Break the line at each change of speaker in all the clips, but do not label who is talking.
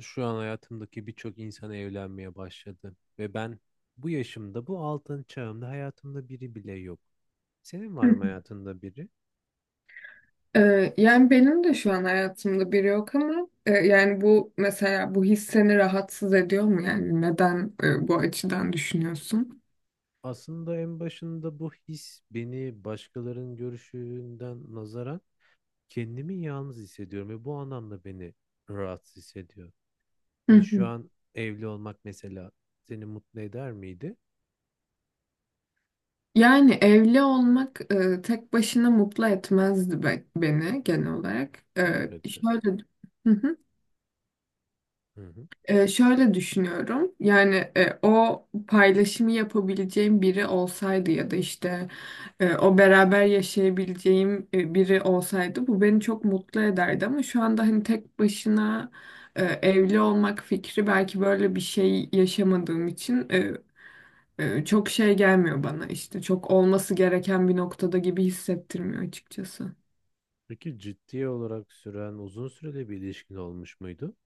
Şu an hayatımdaki birçok insan evlenmeye başladı ve ben bu yaşımda, bu altın çağımda hayatımda biri bile yok. Senin var mı hayatında biri?
Yani benim de şu an hayatımda biri yok ama yani bu mesela bu his seni rahatsız ediyor mu yani neden bu açıdan düşünüyorsun?
Aslında en başında bu his beni başkalarının görüşünden nazaran kendimi yalnız hissediyorum ve bu anlamda beni rahatsız hissediyor.
Hı
Hani şu
hı.
an evli olmak mesela seni mutlu eder miydi?
Yani evli olmak tek başına mutlu etmezdi beni genel olarak.
Elbette.
Şöyle. Hı hı.
Hı hı.
Şöyle düşünüyorum. Yani o paylaşımı yapabileceğim biri olsaydı ya da işte o beraber yaşayabileceğim biri olsaydı bu beni çok mutlu ederdi ama şu anda hani tek başına evli olmak fikri belki böyle bir şey yaşamadığım için çok şey gelmiyor bana işte çok olması gereken bir noktada gibi hissettirmiyor açıkçası.
Peki ciddi olarak süren uzun süreli bir ilişkin olmuş muydu?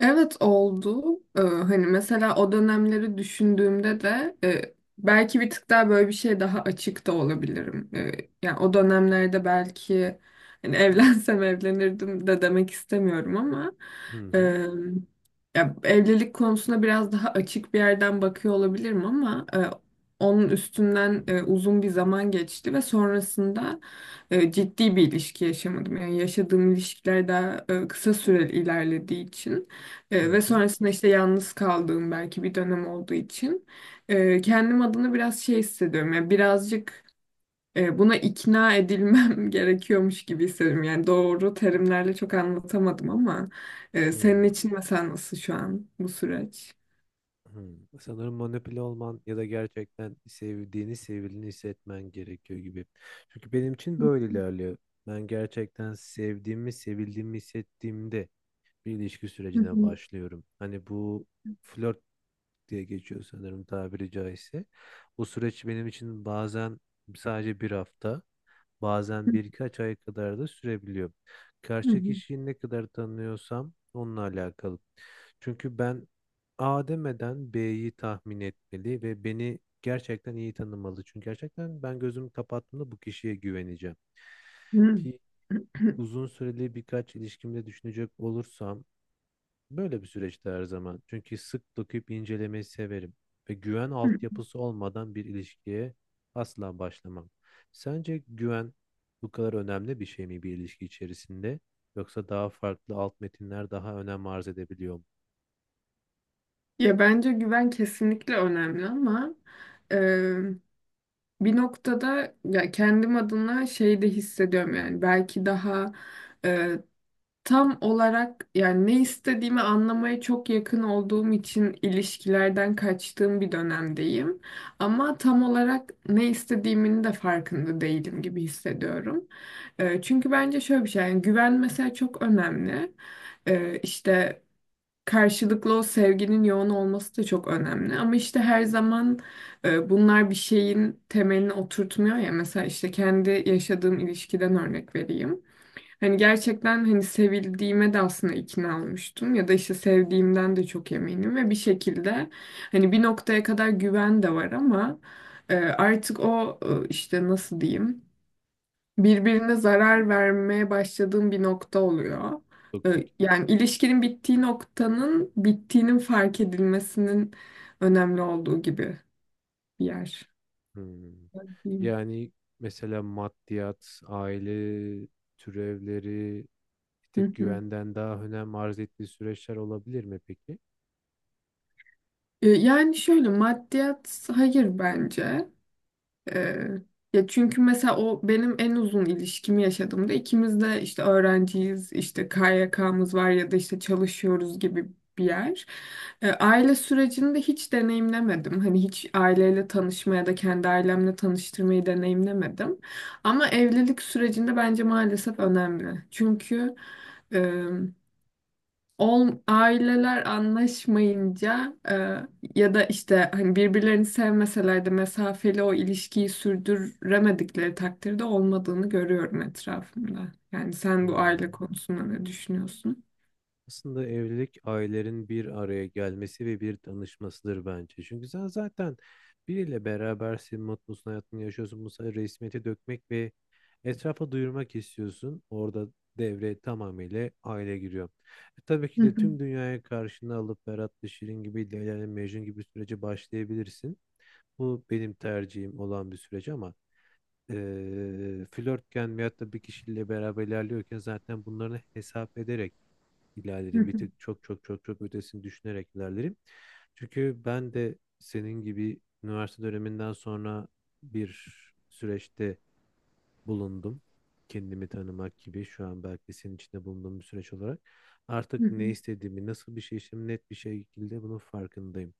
Evet oldu. Hani mesela o dönemleri düşündüğümde de belki bir tık daha böyle bir şey daha açık da olabilirim. Yani o dönemlerde belki hani evlensem evlenirdim de demek istemiyorum ama
Hı hı.
e, ya evlilik konusuna biraz daha açık bir yerden bakıyor olabilirim ama onun üstünden uzun bir zaman geçti ve sonrasında ciddi bir ilişki yaşamadım. Yani yaşadığım ilişkiler daha kısa süreli ilerlediği için.
Hı
Ve
hı.
sonrasında işte yalnız kaldığım belki bir dönem olduğu için kendim adına biraz şey hissediyorum. Yani birazcık buna ikna edilmem gerekiyormuş gibi hissediyorum. Yani doğru terimlerle çok anlatamadım ama
Hı.
senin için mesela nasıl şu an bu süreç?
Hmm. Sanırım manipüle olman ya da gerçekten sevdiğini, sevildiğini hissetmen gerekiyor gibi. Çünkü benim için böyle ilerliyor. Ben gerçekten sevdiğimi, sevildiğimi hissettiğimde bir ilişki
Hı
sürecine
hı.
başlıyorum. Hani bu flört diye geçiyor sanırım tabiri caizse. Bu süreç benim için bazen sadece bir hafta. Bazen birkaç ay kadar da sürebiliyor.
Hı
Karşı
hı.
kişiyi ne kadar tanıyorsam onunla alakalı. Çünkü ben A demeden B'yi tahmin etmeli ve beni gerçekten iyi tanımalı. Çünkü gerçekten ben gözümü kapattığımda bu kişiye güveneceğim.
Hı
Ki uzun süreli birkaç ilişkimde düşünecek olursam böyle bir süreçte her zaman. Çünkü sık dokuyup incelemeyi severim ve güven
hı.
altyapısı olmadan bir ilişkiye asla başlamam. Sence güven bu kadar önemli bir şey mi bir ilişki içerisinde? Yoksa daha farklı alt metinler daha önem arz edebiliyor mu?
Ya bence güven kesinlikle önemli ama e, bir noktada ya kendim adına şey de hissediyorum yani belki daha e, tam olarak yani ne istediğimi anlamaya çok yakın olduğum için ilişkilerden kaçtığım bir dönemdeyim. Ama tam olarak ne istediğimin de farkında değilim gibi hissediyorum. Çünkü bence şöyle bir şey yani güven mesela çok önemli. İşte karşılıklı o sevginin yoğun olması da çok önemli. Ama işte her zaman bunlar bir şeyin temelini oturtmuyor ya. Mesela işte kendi yaşadığım ilişkiden örnek vereyim. Hani gerçekten hani sevildiğime de aslında ikna olmuştum ya da işte sevdiğimden de çok eminim ve bir şekilde hani bir noktaya kadar güven de var ama artık o işte nasıl diyeyim birbirine zarar vermeye başladığım bir nokta oluyor.
Toksik.
Yani ilişkinin bittiği noktanın bittiğinin fark edilmesinin önemli olduğu gibi bir yer.
Hmm.
Diyeyim.
Yani mesela maddiyat, aile türevleri bir
Hı
tık
hı.
güvenden daha önem arz ettiği süreçler olabilir mi peki?
Yani şöyle maddiyat hayır bence. Ee, ya çünkü mesela o benim en uzun ilişkimi yaşadığımda ikimiz de işte öğrenciyiz, işte KYK'mız var ya da işte çalışıyoruz gibi bir yer. Aile sürecini de hiç deneyimlemedim. Hani hiç aileyle tanışma ya da kendi ailemle tanıştırmayı deneyimlemedim. Ama evlilik sürecinde bence maalesef önemli. Çünkü aileler anlaşmayınca ya da işte hani birbirlerini sevmeseler de mesafeli o ilişkiyi sürdüremedikleri takdirde olmadığını görüyorum etrafımda. Yani sen bu aile
Hmm.
konusunda ne düşünüyorsun?
Aslında evlilik ailelerin bir araya gelmesi ve bir tanışmasıdır bence. Çünkü sen zaten biriyle berabersin, mutlusun, hayatını yaşıyorsun. Bu sefer resmiyete dökmek ve etrafa duyurmak istiyorsun. Orada devre tamamıyla aile giriyor. E, tabii ki
Hı
de
hı,
tüm dünyaya karşına alıp Berat Şirin gibi, Leyla ile Mecnun gibi sürece başlayabilirsin. Bu benim tercihim olan bir süreç ama flörtken veyahut da bir kişiyle beraber ilerliyorken zaten bunları hesap ederek
hı
ilerlerim. Bir
hı,
tık çok çok çok çok ötesini düşünerek ilerlerim. Çünkü ben de senin gibi üniversite döneminden sonra bir süreçte bulundum. Kendimi tanımak gibi şu an belki senin içinde bulunduğum bir süreç olarak.
hı
Artık
hı,
ne istediğimi, nasıl bir şey istediğimi net bir şekilde bunun farkındayım.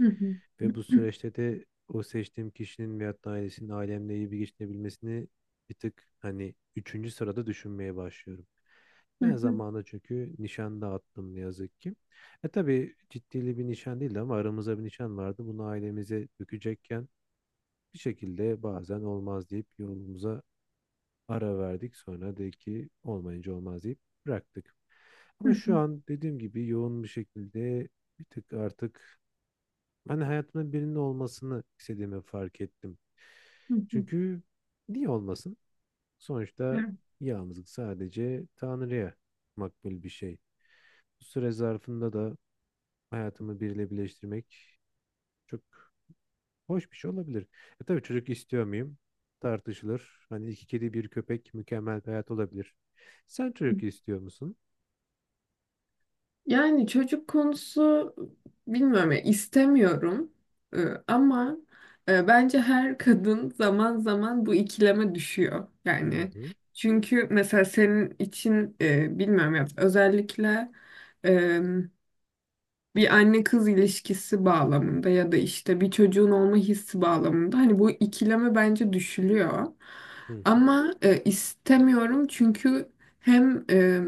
hı hı,
Ve bu süreçte de o seçtiğim kişinin veyahut da ailesinin ailemle iyi bir geçinebilmesini bir tık hani üçüncü sırada düşünmeye başlıyorum.
hı
Ben
hı,
zamanında çünkü nişan dağıttım ne yazık ki. E tabii ciddili bir nişan değildi ama aramızda bir nişan vardı. Bunu ailemize dökecekken bir şekilde bazen olmaz deyip yolumuza ara verdik. Sonra de ki olmayınca olmaz deyip bıraktık. Ama şu
hı
an dediğim gibi yoğun bir şekilde bir tık artık ben hayatımda birinin olmasını istediğimi fark ettim.
hı,
Çünkü niye olmasın? Sonuçta
hı
yalnızlık sadece Tanrı'ya makbul bir şey. Bu süre zarfında da hayatımı biriyle birleştirmek çok hoş bir şey olabilir. E tabii çocuk istiyor muyum? Tartışılır. Hani iki kedi bir köpek mükemmel bir hayat olabilir. Sen
hı.
çocuk istiyor musun?
Yani çocuk konusu bilmiyorum ya istemiyorum. Ee, ama bence her kadın zaman zaman bu ikileme düşüyor
Hı
yani.
hı,
Çünkü mesela senin için bilmiyorum ya özellikle bir anne kız ilişkisi bağlamında ya da işte bir çocuğun olma hissi bağlamında hani bu ikileme bence düşülüyor.
hı hı,
Ama istemiyorum çünkü hem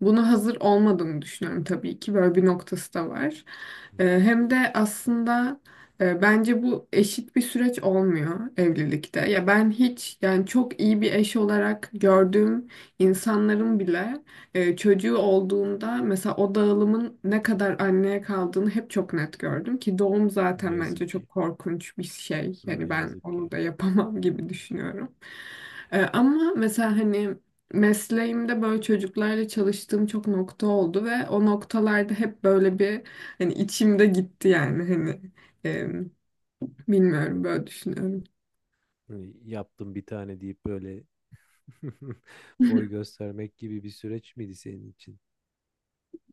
buna hazır olmadığımı düşünüyorum tabii ki böyle bir noktası da var.
hı hı.
Hem de aslında bence bu eşit bir süreç olmuyor evlilikte. Ya ben hiç yani çok iyi bir eş olarak gördüğüm insanların bile çocuğu olduğunda mesela o dağılımın ne kadar anneye kaldığını hep çok net gördüm ki doğum
Ne
zaten bence
yazık ki.
çok korkunç bir şey.
Ne
Yani ben
yazık
onu
ki.
da yapamam gibi düşünüyorum. Ama mesela hani mesleğimde böyle çocuklarla çalıştığım çok nokta oldu ve o noktalarda hep böyle bir hani içimde gitti yani hani e, bilmiyorum böyle düşünüyorum.
Hani yaptım bir tane deyip böyle. Boy göstermek gibi bir süreç miydi senin için?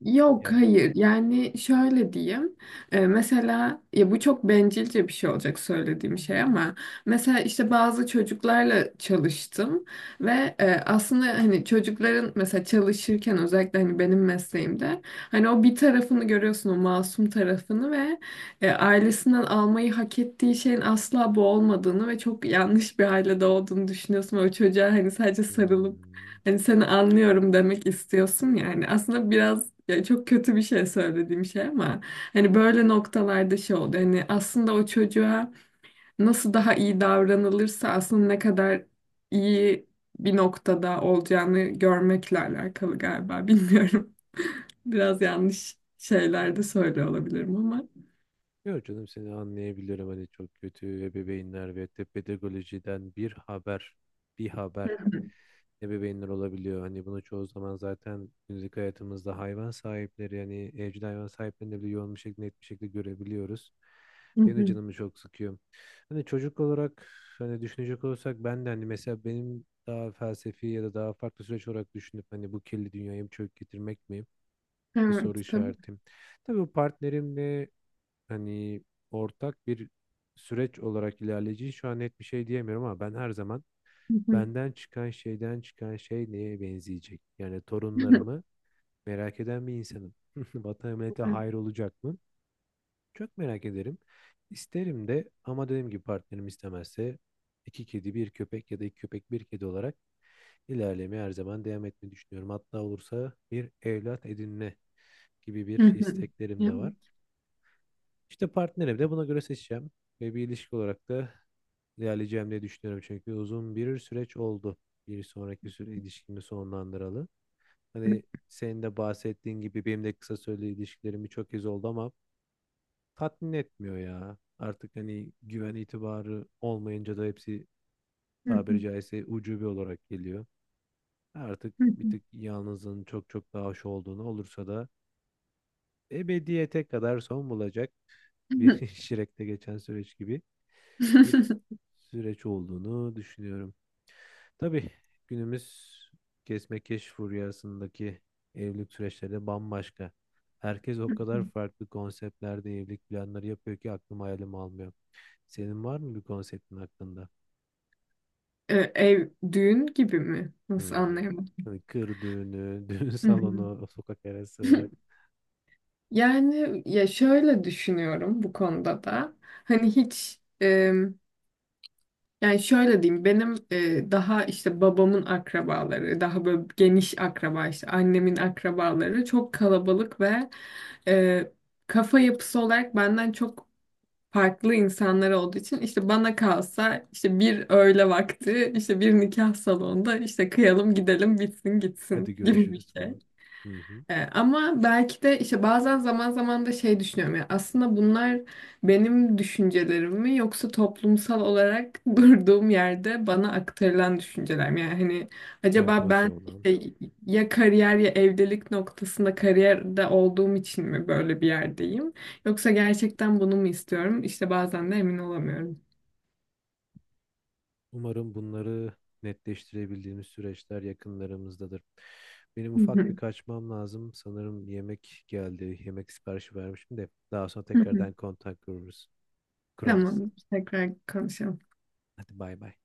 Yok,
Yani
hayır, yani şöyle diyeyim. Mesela ya bu çok bencilce bir şey olacak söylediğim şey ama mesela işte bazı çocuklarla çalıştım ve aslında hani çocukların mesela çalışırken özellikle hani benim mesleğimde hani o bir tarafını görüyorsun o masum tarafını ve ailesinden almayı hak ettiği şeyin asla bu olmadığını ve çok yanlış bir ailede olduğunu düşünüyorsun ve o çocuğa hani sadece sarılıp
hmm.
hani seni anlıyorum demek istiyorsun yani. Aslında biraz ya çok kötü bir şey söylediğim şey ama hani böyle noktalarda şey oldu. Hani aslında o çocuğa nasıl daha iyi davranılırsa aslında ne kadar iyi bir noktada olacağını görmekle alakalı galiba. Bilmiyorum. Biraz yanlış şeyler de söylüyor olabilirim ama.
Yok canım, seni anlayabilirim. Hani çok kötü ebeveynler ve de pedagojiden bir haber ebeveynler olabiliyor. Hani bunu çoğu zaman zaten günlük hayatımızda hayvan sahipleri, yani evcil hayvan sahiplerinde bile yoğun bir şekilde net bir şekilde görebiliyoruz.
Hı
Benim de
hı.
canımı çok sıkıyor. Hani çocuk olarak hani düşünecek olursak, ben de hani mesela benim daha felsefi ya da daha farklı süreç olarak düşünüp hani bu kirli dünyaya bir çök getirmek mi? Bir soru
Evet, tabii.
işaretim. Tabii bu partnerimle hani ortak bir süreç olarak ilerleyeceği şu an net bir şey diyemiyorum ama ben her zaman
Hı hı.
benden çıkan şey neye benzeyecek? Yani torunlarımı merak eden bir insanım. Vatan millete hayır olacak mı? Çok merak ederim. İsterim de ama dediğim gibi partnerim istemezse iki kedi bir köpek ya da iki köpek bir kedi olarak ilerlemeye her zaman devam etmeyi düşünüyorum. Hatta olursa bir evlat edinme gibi
Hı
bir
hı. Hı
isteklerim de var.
hı.
İşte partnerimi de buna göre seçeceğim ve bir ilişki olarak da ilerleyeceğim diye düşünüyorum. Çünkü uzun bir süreç oldu. Bir sonraki süre ilişkimi sonlandıralı.
Hı hı.
Hani senin de bahsettiğin gibi benim de kısa süreli ilişkilerim birçok kez oldu ama tatmin etmiyor ya. Artık hani güven itibarı olmayınca da hepsi
Hı
tabiri caizse ucube olarak geliyor. Artık bir
hı.
tık yalnızlığın çok çok daha hoş olduğunu, olursa da ebediyete kadar son bulacak bir Şirek'te geçen süreç gibi bir süreç olduğunu düşünüyorum. Tabii günümüz kesme-keş furyasındaki evlilik süreçleri de bambaşka. Herkes o kadar farklı konseptlerde evlilik planları yapıyor ki aklım hayalim almıyor. Senin var mı bir konseptin hakkında?
Ev düğün gibi mi?
Hı
Nasıl
hı.
anlayamadım?
Hani kır düğünü, düğün
Hı
salonu, sokak arası,
hı. Yani ya şöyle düşünüyorum bu konuda da. Hani hiç yani şöyle diyeyim benim daha işte babamın akrabaları daha böyle geniş akraba işte annemin akrabaları çok kalabalık ve e, kafa yapısı olarak benden çok farklı insanlar olduğu için işte bana kalsa işte bir öğle vakti işte bir nikah salonunda işte kıyalım gidelim bitsin
hadi
gitsin gibi bir
görüşürüz
şey.
falan. Hı hı.
Ama belki de işte bazen zaman zaman da şey düşünüyorum ya aslında bunlar benim düşüncelerim mi yoksa toplumsal olarak durduğum yerde bana aktarılan düşünceler mi? Yani hani acaba
Empoze
ben
olan.
işte ya kariyer ya evlilik noktasında kariyerde olduğum için mi böyle bir yerdeyim? Yoksa gerçekten bunu mu istiyorum? İşte bazen de emin olamıyorum.
Umarım bunları netleştirebildiğimiz süreçler yakınlarımızdadır. Benim
Hı
ufak bir
hı.
kaçmam lazım. Sanırım yemek geldi. Yemek siparişi vermişim de daha sonra
Hı hı.
tekrardan kontak kurarız.
Tamam, tekrar konuşalım.
Hadi bay bay.